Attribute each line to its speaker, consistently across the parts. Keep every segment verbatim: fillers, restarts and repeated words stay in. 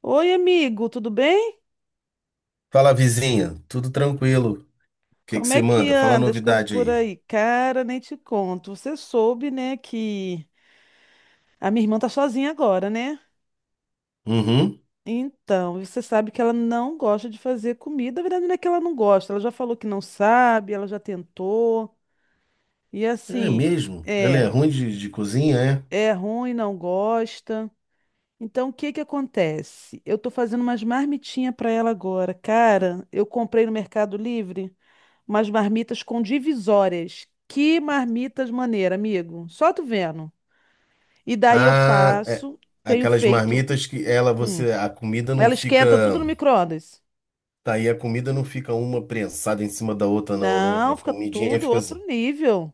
Speaker 1: Oi, amigo, tudo bem?
Speaker 2: Fala, vizinha. Tudo tranquilo? O que que
Speaker 1: Como
Speaker 2: você
Speaker 1: é que
Speaker 2: manda? Fala a
Speaker 1: anda as coisas
Speaker 2: novidade
Speaker 1: por
Speaker 2: aí.
Speaker 1: aí? Cara, nem te conto. Você soube, né, que a minha irmã tá sozinha agora, né?
Speaker 2: Uhum.
Speaker 1: Então, você sabe que ela não gosta de fazer comida. Na verdade, não é que ela não gosta. Ela já falou que não sabe, ela já tentou. E
Speaker 2: É
Speaker 1: assim,
Speaker 2: mesmo? Ela é
Speaker 1: é,
Speaker 2: ruim de, de cozinha, é?
Speaker 1: é ruim, não gosta. Então, o que que acontece? Eu tô fazendo umas marmitinhas pra ela agora. Cara, eu comprei no Mercado Livre. Umas marmitas com divisórias. Que marmitas maneira, amigo. Só tu vendo. E daí eu
Speaker 2: Ah, é.
Speaker 1: faço, tenho
Speaker 2: Aquelas
Speaker 1: feito.
Speaker 2: marmitas que ela,
Speaker 1: hum,
Speaker 2: você, a comida não
Speaker 1: Ela
Speaker 2: fica.
Speaker 1: esquenta tudo no micro-ondas.
Speaker 2: Tá aí, a comida não fica uma prensada em cima da outra, não, né?
Speaker 1: Não,
Speaker 2: A
Speaker 1: fica
Speaker 2: comidinha
Speaker 1: tudo
Speaker 2: fica
Speaker 1: outro
Speaker 2: assim.
Speaker 1: nível.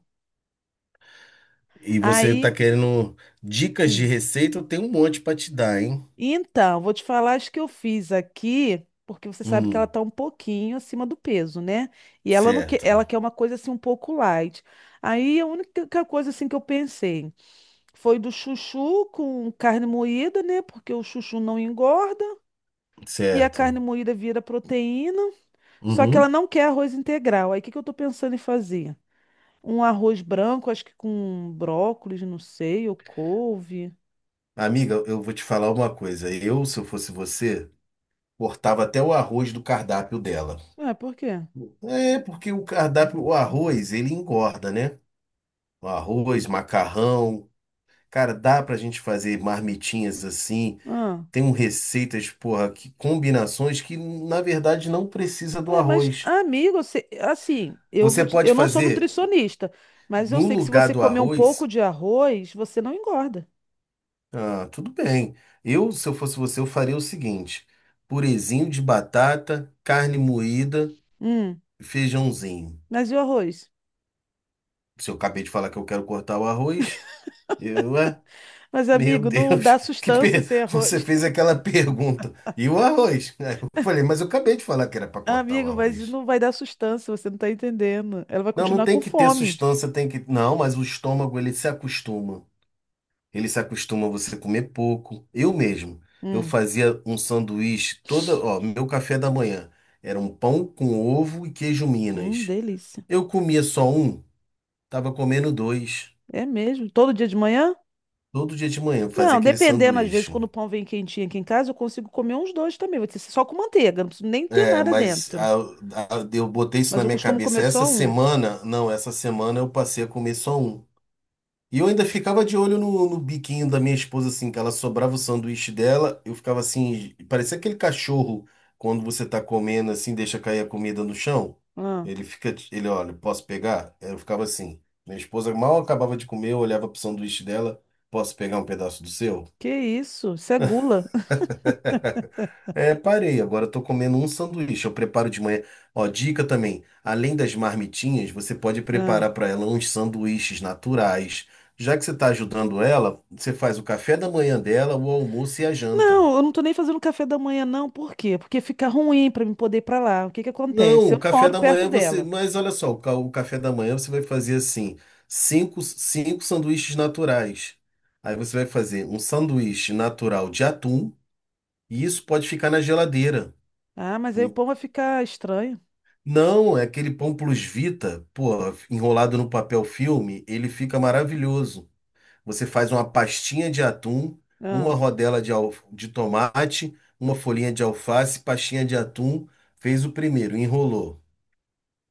Speaker 2: E você tá
Speaker 1: Aí,
Speaker 2: querendo dicas de
Speaker 1: hum.
Speaker 2: receita? Eu tenho um monte pra te dar, hein?
Speaker 1: Então, vou te falar as que eu fiz aqui, porque você sabe que ela
Speaker 2: Hum,
Speaker 1: tá um pouquinho acima do peso, né? E ela não quer, ela
Speaker 2: certo,
Speaker 1: quer uma coisa assim um pouco light. Aí a única coisa assim que eu pensei. Foi do chuchu com carne moída, né? Porque o chuchu não engorda e a carne
Speaker 2: certo.
Speaker 1: moída vira proteína. Só que ela
Speaker 2: Uhum.
Speaker 1: não quer arroz integral. Aí o que que eu tô pensando em fazer? Um arroz branco, acho que com brócolis, não sei, ou couve.
Speaker 2: Amiga, eu vou te falar uma coisa. Eu, se eu fosse você, cortava até o arroz do cardápio dela.
Speaker 1: Ué, por quê?
Speaker 2: É, porque o cardápio, o arroz, ele engorda, né? O arroz, macarrão. Cara, dá pra gente fazer marmitinhas assim.
Speaker 1: Ah.
Speaker 2: Tem um receitas, porra, que combinações que na verdade não precisa do
Speaker 1: Ué, mas,
Speaker 2: arroz.
Speaker 1: amigo, você- assim, eu vou
Speaker 2: Você
Speaker 1: te-
Speaker 2: pode
Speaker 1: eu não sou
Speaker 2: fazer
Speaker 1: nutricionista, mas eu
Speaker 2: no
Speaker 1: sei que se
Speaker 2: lugar
Speaker 1: você
Speaker 2: do
Speaker 1: comer um pouco
Speaker 2: arroz.
Speaker 1: de arroz, você não engorda.
Speaker 2: Ah, tudo bem. Eu, se eu fosse você, eu faria o seguinte: purezinho de batata, carne moída,
Speaker 1: Hum,
Speaker 2: feijãozinho.
Speaker 1: mas e o arroz?
Speaker 2: Se eu acabei de falar que eu quero cortar o arroz. Eu, ué,
Speaker 1: Mas,
Speaker 2: meu
Speaker 1: amigo, não dá
Speaker 2: Deus, que
Speaker 1: sustância
Speaker 2: per-
Speaker 1: sem
Speaker 2: você
Speaker 1: arroz.
Speaker 2: fez aquela pergunta. E o arroz? Aí eu falei, mas eu acabei de falar que era para
Speaker 1: Ah,
Speaker 2: cortar o
Speaker 1: Amigo, mas
Speaker 2: arroz.
Speaker 1: não vai dar sustância, você não tá entendendo. Ela vai
Speaker 2: Não, não
Speaker 1: continuar
Speaker 2: tem
Speaker 1: com
Speaker 2: que ter
Speaker 1: fome.
Speaker 2: sustância, tem que. Não, mas o estômago ele se acostuma. Ele se acostuma a você comer pouco. Eu mesmo, eu
Speaker 1: Hum,
Speaker 2: fazia um sanduíche toda, ó, meu café da manhã era um pão com ovo e queijo
Speaker 1: hum,
Speaker 2: Minas.
Speaker 1: delícia.
Speaker 2: Eu comia só um, tava comendo dois.
Speaker 1: É mesmo? Todo dia de manhã?
Speaker 2: Todo dia de manhã eu fazia
Speaker 1: Não,
Speaker 2: aquele
Speaker 1: dependendo, às vezes,
Speaker 2: sanduíche.
Speaker 1: quando o pão vem quentinho aqui em casa, eu consigo comer uns dois também. Vou ter só com manteiga, não preciso nem ter
Speaker 2: É,
Speaker 1: nada
Speaker 2: mas
Speaker 1: dentro.
Speaker 2: a- a- eu botei isso
Speaker 1: Mas
Speaker 2: na
Speaker 1: eu
Speaker 2: minha
Speaker 1: costumo
Speaker 2: cabeça.
Speaker 1: comer
Speaker 2: Essa
Speaker 1: só um.
Speaker 2: semana, não, essa semana eu passei a comer só um. E eu ainda ficava de olho no, no biquinho da minha esposa, assim, que ela sobrava o sanduíche dela. Eu ficava assim, parecia aquele cachorro quando você tá comendo, assim, deixa cair a comida no chão.
Speaker 1: Ah,
Speaker 2: Ele fica, ele olha, posso pegar? Eu ficava assim. Minha esposa mal acabava de comer, eu olhava pro sanduíche dela, posso pegar um pedaço do seu?
Speaker 1: que isso? Isso é gula.
Speaker 2: É, parei. Agora eu tô comendo um sanduíche. Eu preparo de manhã. Ó, dica também. Além das marmitinhas, você pode
Speaker 1: Ah.
Speaker 2: preparar para ela uns sanduíches naturais. Já que você está ajudando ela, você faz o café da manhã dela, o almoço e a janta.
Speaker 1: Não, eu não tô nem fazendo café da manhã, não. Por quê? Porque fica ruim pra mim poder ir pra lá. O que que
Speaker 2: Não,
Speaker 1: acontece? Eu
Speaker 2: o
Speaker 1: não
Speaker 2: café
Speaker 1: moro
Speaker 2: da
Speaker 1: perto
Speaker 2: manhã você.
Speaker 1: dela.
Speaker 2: Mas olha só, o ca- o café da manhã você vai fazer assim: cinco, cinco sanduíches naturais. Aí você vai fazer um sanduíche natural de atum, e isso pode ficar na geladeira.
Speaker 1: Ah, mas aí o pão vai ficar estranho.
Speaker 2: Não, é aquele pão plus vita, pô, enrolado no papel filme, ele fica maravilhoso. Você faz uma pastinha de atum, uma
Speaker 1: Ah.
Speaker 2: rodela de, al- de tomate, uma folhinha de alface, pastinha de atum, fez o primeiro, enrolou.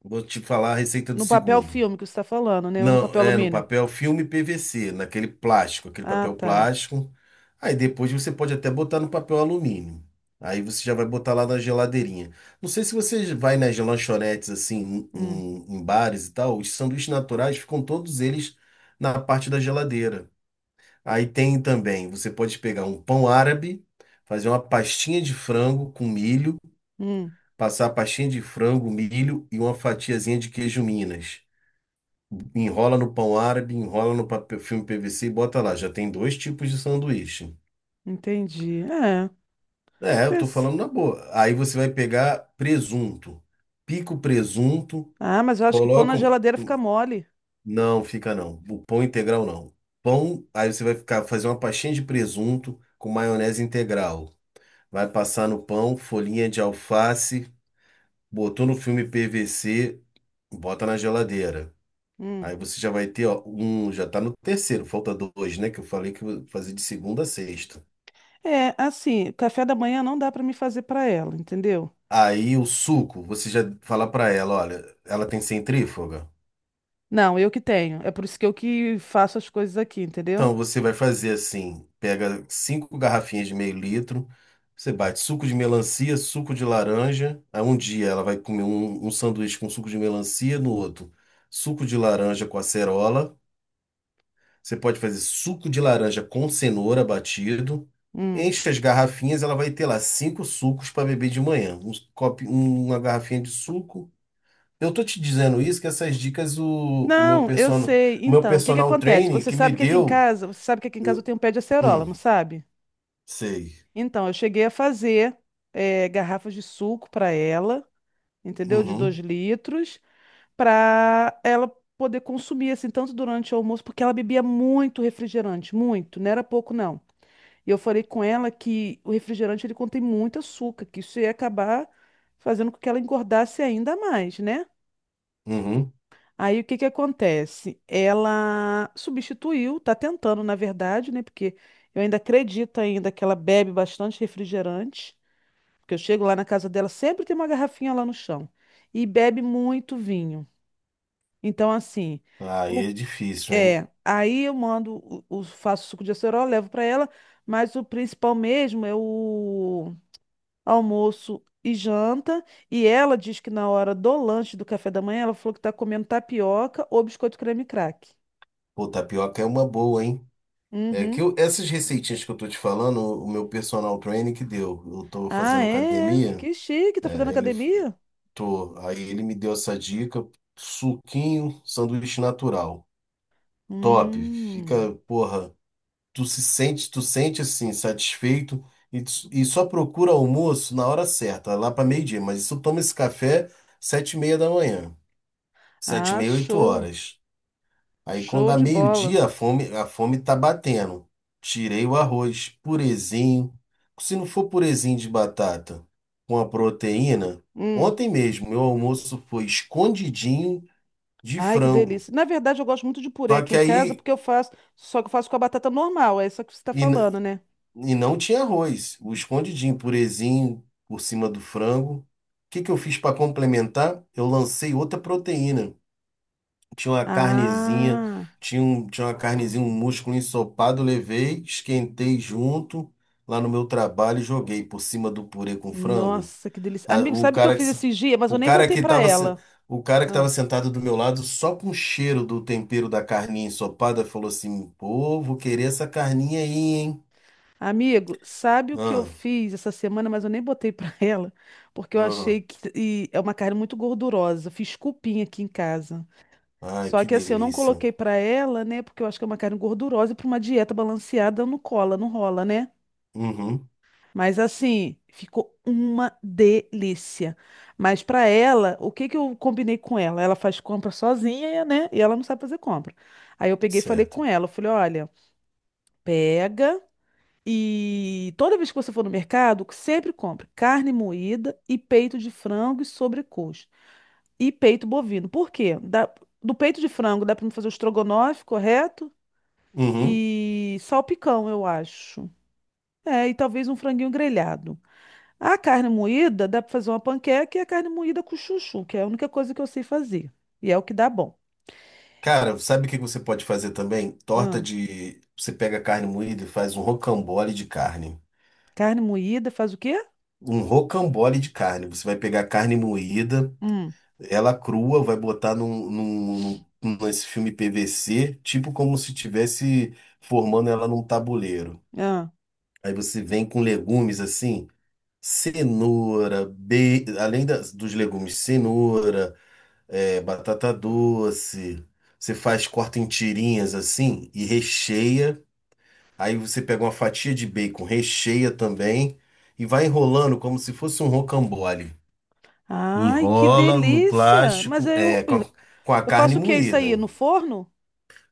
Speaker 2: Vou te falar a receita do
Speaker 1: No papel
Speaker 2: segundo.
Speaker 1: filme que você está falando, né? Ou no
Speaker 2: Não,
Speaker 1: papel
Speaker 2: é no
Speaker 1: alumínio?
Speaker 2: papel filme P V C, naquele plástico, aquele
Speaker 1: Ah,
Speaker 2: papel
Speaker 1: tá.
Speaker 2: plástico. Aí depois você pode até botar no papel alumínio. Aí você já vai botar lá na geladeirinha. Não sei se você vai nas lanchonetes assim,
Speaker 1: Hum,
Speaker 2: em, em bares e tal, os sanduíches naturais ficam todos eles na parte da geladeira. Aí tem também, você pode pegar um pão árabe, fazer uma pastinha de frango com milho,
Speaker 1: hum,
Speaker 2: passar a pastinha de frango, milho e uma fatiazinha de queijo Minas. Enrola no pão árabe, enrola no papel, filme P V C e bota lá. Já tem dois tipos de sanduíche.
Speaker 1: entendi. É,
Speaker 2: É, eu tô
Speaker 1: pensa.
Speaker 2: falando na boa. Aí você vai pegar presunto. Pica o presunto,
Speaker 1: Ah, mas eu acho que pão na
Speaker 2: coloca. um-
Speaker 1: geladeira fica
Speaker 2: um,
Speaker 1: mole.
Speaker 2: Não, fica não. O pão integral não. Pão, aí você vai ficar fazer uma pastinha de presunto com maionese integral. Vai passar no pão, folhinha de alface, botou no filme P V C, bota na geladeira. Aí
Speaker 1: Hum.
Speaker 2: você já vai ter, ó, um, já tá no terceiro, falta dois, né? Que eu falei que eu vou fazer de segunda a sexta.
Speaker 1: É, assim, café da manhã não dá para me fazer para ela, entendeu?
Speaker 2: Aí o suco, você já fala pra ela, olha, ela tem centrífuga.
Speaker 1: Não, eu que tenho. É por isso que eu que faço as coisas aqui, entendeu?
Speaker 2: Então você vai fazer assim, pega cinco garrafinhas de meio litro, você bate suco de melancia, suco de laranja. Aí um dia ela vai comer um, um sanduíche com suco de melancia, no outro suco de laranja com acerola. Você pode fazer suco de laranja com cenoura batido.
Speaker 1: Hum.
Speaker 2: Enche as garrafinhas, ela vai ter lá cinco sucos para beber de manhã. Um copo, uma garrafinha de suco. Eu tô te dizendo isso, que essas dicas o, o meu
Speaker 1: Não, eu
Speaker 2: personal,
Speaker 1: sei.
Speaker 2: o meu
Speaker 1: Então, o que que
Speaker 2: personal
Speaker 1: acontece?
Speaker 2: training
Speaker 1: Você
Speaker 2: que me
Speaker 1: sabe que aqui em
Speaker 2: deu.
Speaker 1: casa, você sabe que aqui em casa eu
Speaker 2: eu-
Speaker 1: tenho um pé de acerola,
Speaker 2: hum,
Speaker 1: não sabe?
Speaker 2: sei.
Speaker 1: Então, eu cheguei a fazer eh, garrafas de suco para ela, entendeu? De dois
Speaker 2: Uhum,
Speaker 1: litros. Para ela poder consumir assim tanto durante o almoço, porque ela bebia muito refrigerante, muito, não era pouco não. E eu falei com ela que o refrigerante ele contém muito açúcar, que isso ia acabar fazendo com que ela engordasse ainda mais, né?
Speaker 2: uhum.
Speaker 1: Aí o que que acontece? Ela substituiu, tá tentando, na verdade, né? Porque eu ainda acredito ainda que ela bebe bastante refrigerante, porque eu chego lá na casa dela, sempre tem uma garrafinha lá no chão. E bebe muito vinho. Então, assim, o
Speaker 2: Aí é difícil, hein?
Speaker 1: É, aí eu mando, o, o- faço suco de acerola, levo para ela, mas o principal mesmo é o almoço e janta. E ela diz que na hora do lanche do café da manhã, ela falou que tá comendo tapioca ou biscoito creme crack.
Speaker 2: Pô, tapioca é uma boa, hein? É que
Speaker 1: Uhum.
Speaker 2: eu- essas receitinhas que eu tô te falando, o meu personal training que deu. Eu tô
Speaker 1: Ah,
Speaker 2: fazendo
Speaker 1: é? É.
Speaker 2: academia,
Speaker 1: Que chique, tá fazendo
Speaker 2: é, ele
Speaker 1: academia?
Speaker 2: Tô. Aí ele me deu essa dica: suquinho, sanduíche natural. Top.
Speaker 1: Hum.
Speaker 2: Fica, porra, tu se sente, tu sente assim, satisfeito e, tu- e só procura almoço na hora certa, lá para meio-dia. Mas isso toma esse café sete e meia da manhã, sete e
Speaker 1: Ah,
Speaker 2: meia, oito
Speaker 1: show.
Speaker 2: horas. Aí quando
Speaker 1: Show
Speaker 2: dá
Speaker 1: de bola.
Speaker 2: meio-dia, a fome, a fome tá batendo. Tirei o arroz, purezinho. Se não for purezinho de batata com a proteína,
Speaker 1: Hum.
Speaker 2: ontem mesmo meu almoço foi escondidinho de
Speaker 1: Ai, que
Speaker 2: frango.
Speaker 1: delícia. Na verdade, eu gosto muito de purê
Speaker 2: Só
Speaker 1: aqui
Speaker 2: que
Speaker 1: em casa,
Speaker 2: aí
Speaker 1: porque eu faço, só que eu faço com a batata normal, é isso que você está
Speaker 2: e, n-
Speaker 1: falando, né?
Speaker 2: e não tinha arroz, o escondidinho, purezinho por cima do frango. O que que eu fiz para complementar? Eu lancei outra proteína. Tinha uma carnezinha,
Speaker 1: Ah,
Speaker 2: tinha, um, tinha uma carnezinha, um músculo ensopado, levei, esquentei junto lá no meu trabalho e joguei por cima do purê com frango.
Speaker 1: nossa, que delícia.
Speaker 2: A-
Speaker 1: Amigo,
Speaker 2: o
Speaker 1: sabe o que eu
Speaker 2: cara que,
Speaker 1: fiz
Speaker 2: se-
Speaker 1: esses dias? Mas eu
Speaker 2: o
Speaker 1: nem
Speaker 2: cara
Speaker 1: botei
Speaker 2: que
Speaker 1: pra
Speaker 2: tava, se-
Speaker 1: ela.
Speaker 2: o cara que tava
Speaker 1: Ah.
Speaker 2: sentado do meu lado, só com o cheiro do tempero da carninha ensopada, falou assim: Pô, vou querer essa carninha aí, hein?
Speaker 1: Amigo, sabe o que eu
Speaker 2: Ah,
Speaker 1: fiz essa semana, mas eu nem botei pra ela, porque eu
Speaker 2: ah,
Speaker 1: achei que e é uma carne muito gordurosa. Fiz cupim aqui em casa.
Speaker 2: ai,
Speaker 1: Só
Speaker 2: que
Speaker 1: que assim, eu não
Speaker 2: delícia.
Speaker 1: coloquei pra ela, né? Porque eu acho que é uma carne gordurosa e pra uma dieta balanceada não cola, não rola, né?
Speaker 2: Uhum,
Speaker 1: Mas assim, ficou uma delícia. Mas para ela, o que que eu combinei com ela? Ela faz compra sozinha, né? E ela não sabe fazer compra. Aí eu peguei e falei com
Speaker 2: certo.
Speaker 1: ela, eu falei, olha, pega e toda vez que você for no mercado, sempre compre carne moída e peito de frango e sobrecoxa e peito bovino. Por quê? Dá- do peito de frango dá para fazer o estrogonofe, correto?
Speaker 2: Uhum.
Speaker 1: E salpicão, eu acho. É, e talvez um franguinho grelhado. A carne moída dá para fazer uma panqueca e a carne moída com chuchu, que é a única coisa que eu sei fazer. E é o que dá bom.
Speaker 2: Cara, sabe o que você pode fazer também? Torta
Speaker 1: Ah,
Speaker 2: de. Você pega carne moída e faz um rocambole de carne.
Speaker 1: carne moída faz o quê?
Speaker 2: Um rocambole de carne. Você vai pegar a carne moída,
Speaker 1: Hum,
Speaker 2: ela crua, vai botar num, num, num- nesse filme P V C, tipo como se tivesse formando ela num tabuleiro.
Speaker 1: ah.
Speaker 2: Aí você vem com legumes assim, cenoura, be... além das, dos legumes, cenoura, é, batata doce. Você faz, corta em tirinhas assim e recheia. Aí você pega uma fatia de bacon, recheia também e vai enrolando como se fosse um rocambole.
Speaker 1: Ai, que
Speaker 2: Enrola no
Speaker 1: delícia! Mas
Speaker 2: plástico,
Speaker 1: aí
Speaker 2: é,
Speaker 1: eu,
Speaker 2: com a, com a
Speaker 1: eu
Speaker 2: carne
Speaker 1: faço o que isso
Speaker 2: moída.
Speaker 1: aí? No forno?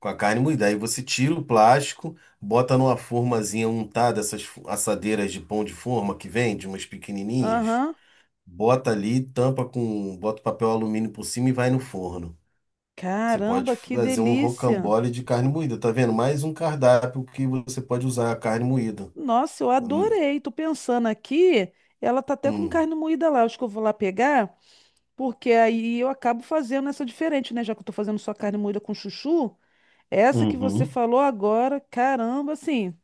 Speaker 2: Com a carne moída. Aí você tira o plástico, bota numa formazinha untada, essas fo- assadeiras de pão de forma que vende, umas pequenininhas.
Speaker 1: Aham.
Speaker 2: Bota ali, tampa com, bota papel alumínio por cima e vai no forno. Você pode
Speaker 1: Caramba, que
Speaker 2: fazer um
Speaker 1: delícia!
Speaker 2: rocambole de carne moída, tá vendo? Mais um cardápio que você pode usar a carne moída.
Speaker 1: Nossa, eu
Speaker 2: Hum,
Speaker 1: adorei. Tô pensando aqui, ela tá até com
Speaker 2: hum.
Speaker 1: carne moída lá. Acho que eu vou lá pegar, porque aí eu acabo fazendo essa diferente, né? Já que eu tô fazendo só carne moída com chuchu. Essa que você
Speaker 2: Uhum.
Speaker 1: falou agora, caramba, assim,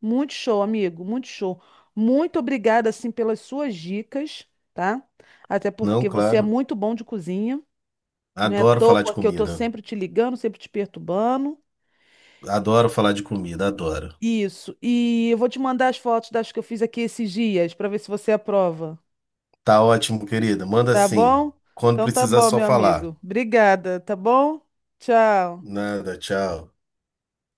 Speaker 1: muito show, amigo, muito show. Muito obrigada, assim, pelas suas dicas, tá? Até
Speaker 2: Não,
Speaker 1: porque você é
Speaker 2: claro.
Speaker 1: muito bom de cozinha, não é à
Speaker 2: Adoro falar de
Speaker 1: toa que eu tô
Speaker 2: comida.
Speaker 1: sempre te ligando, sempre te perturbando.
Speaker 2: Adoro falar de comida, adoro.
Speaker 1: Isso. E eu vou te mandar as fotos das que eu fiz aqui esses dias, para ver se você aprova,
Speaker 2: Tá ótimo, querida. Manda
Speaker 1: tá
Speaker 2: sim.
Speaker 1: bom?
Speaker 2: Quando
Speaker 1: Então tá
Speaker 2: precisar,
Speaker 1: bom,
Speaker 2: só
Speaker 1: meu
Speaker 2: falar.
Speaker 1: amigo. Obrigada, tá bom? Tchau.
Speaker 2: Nada, tchau.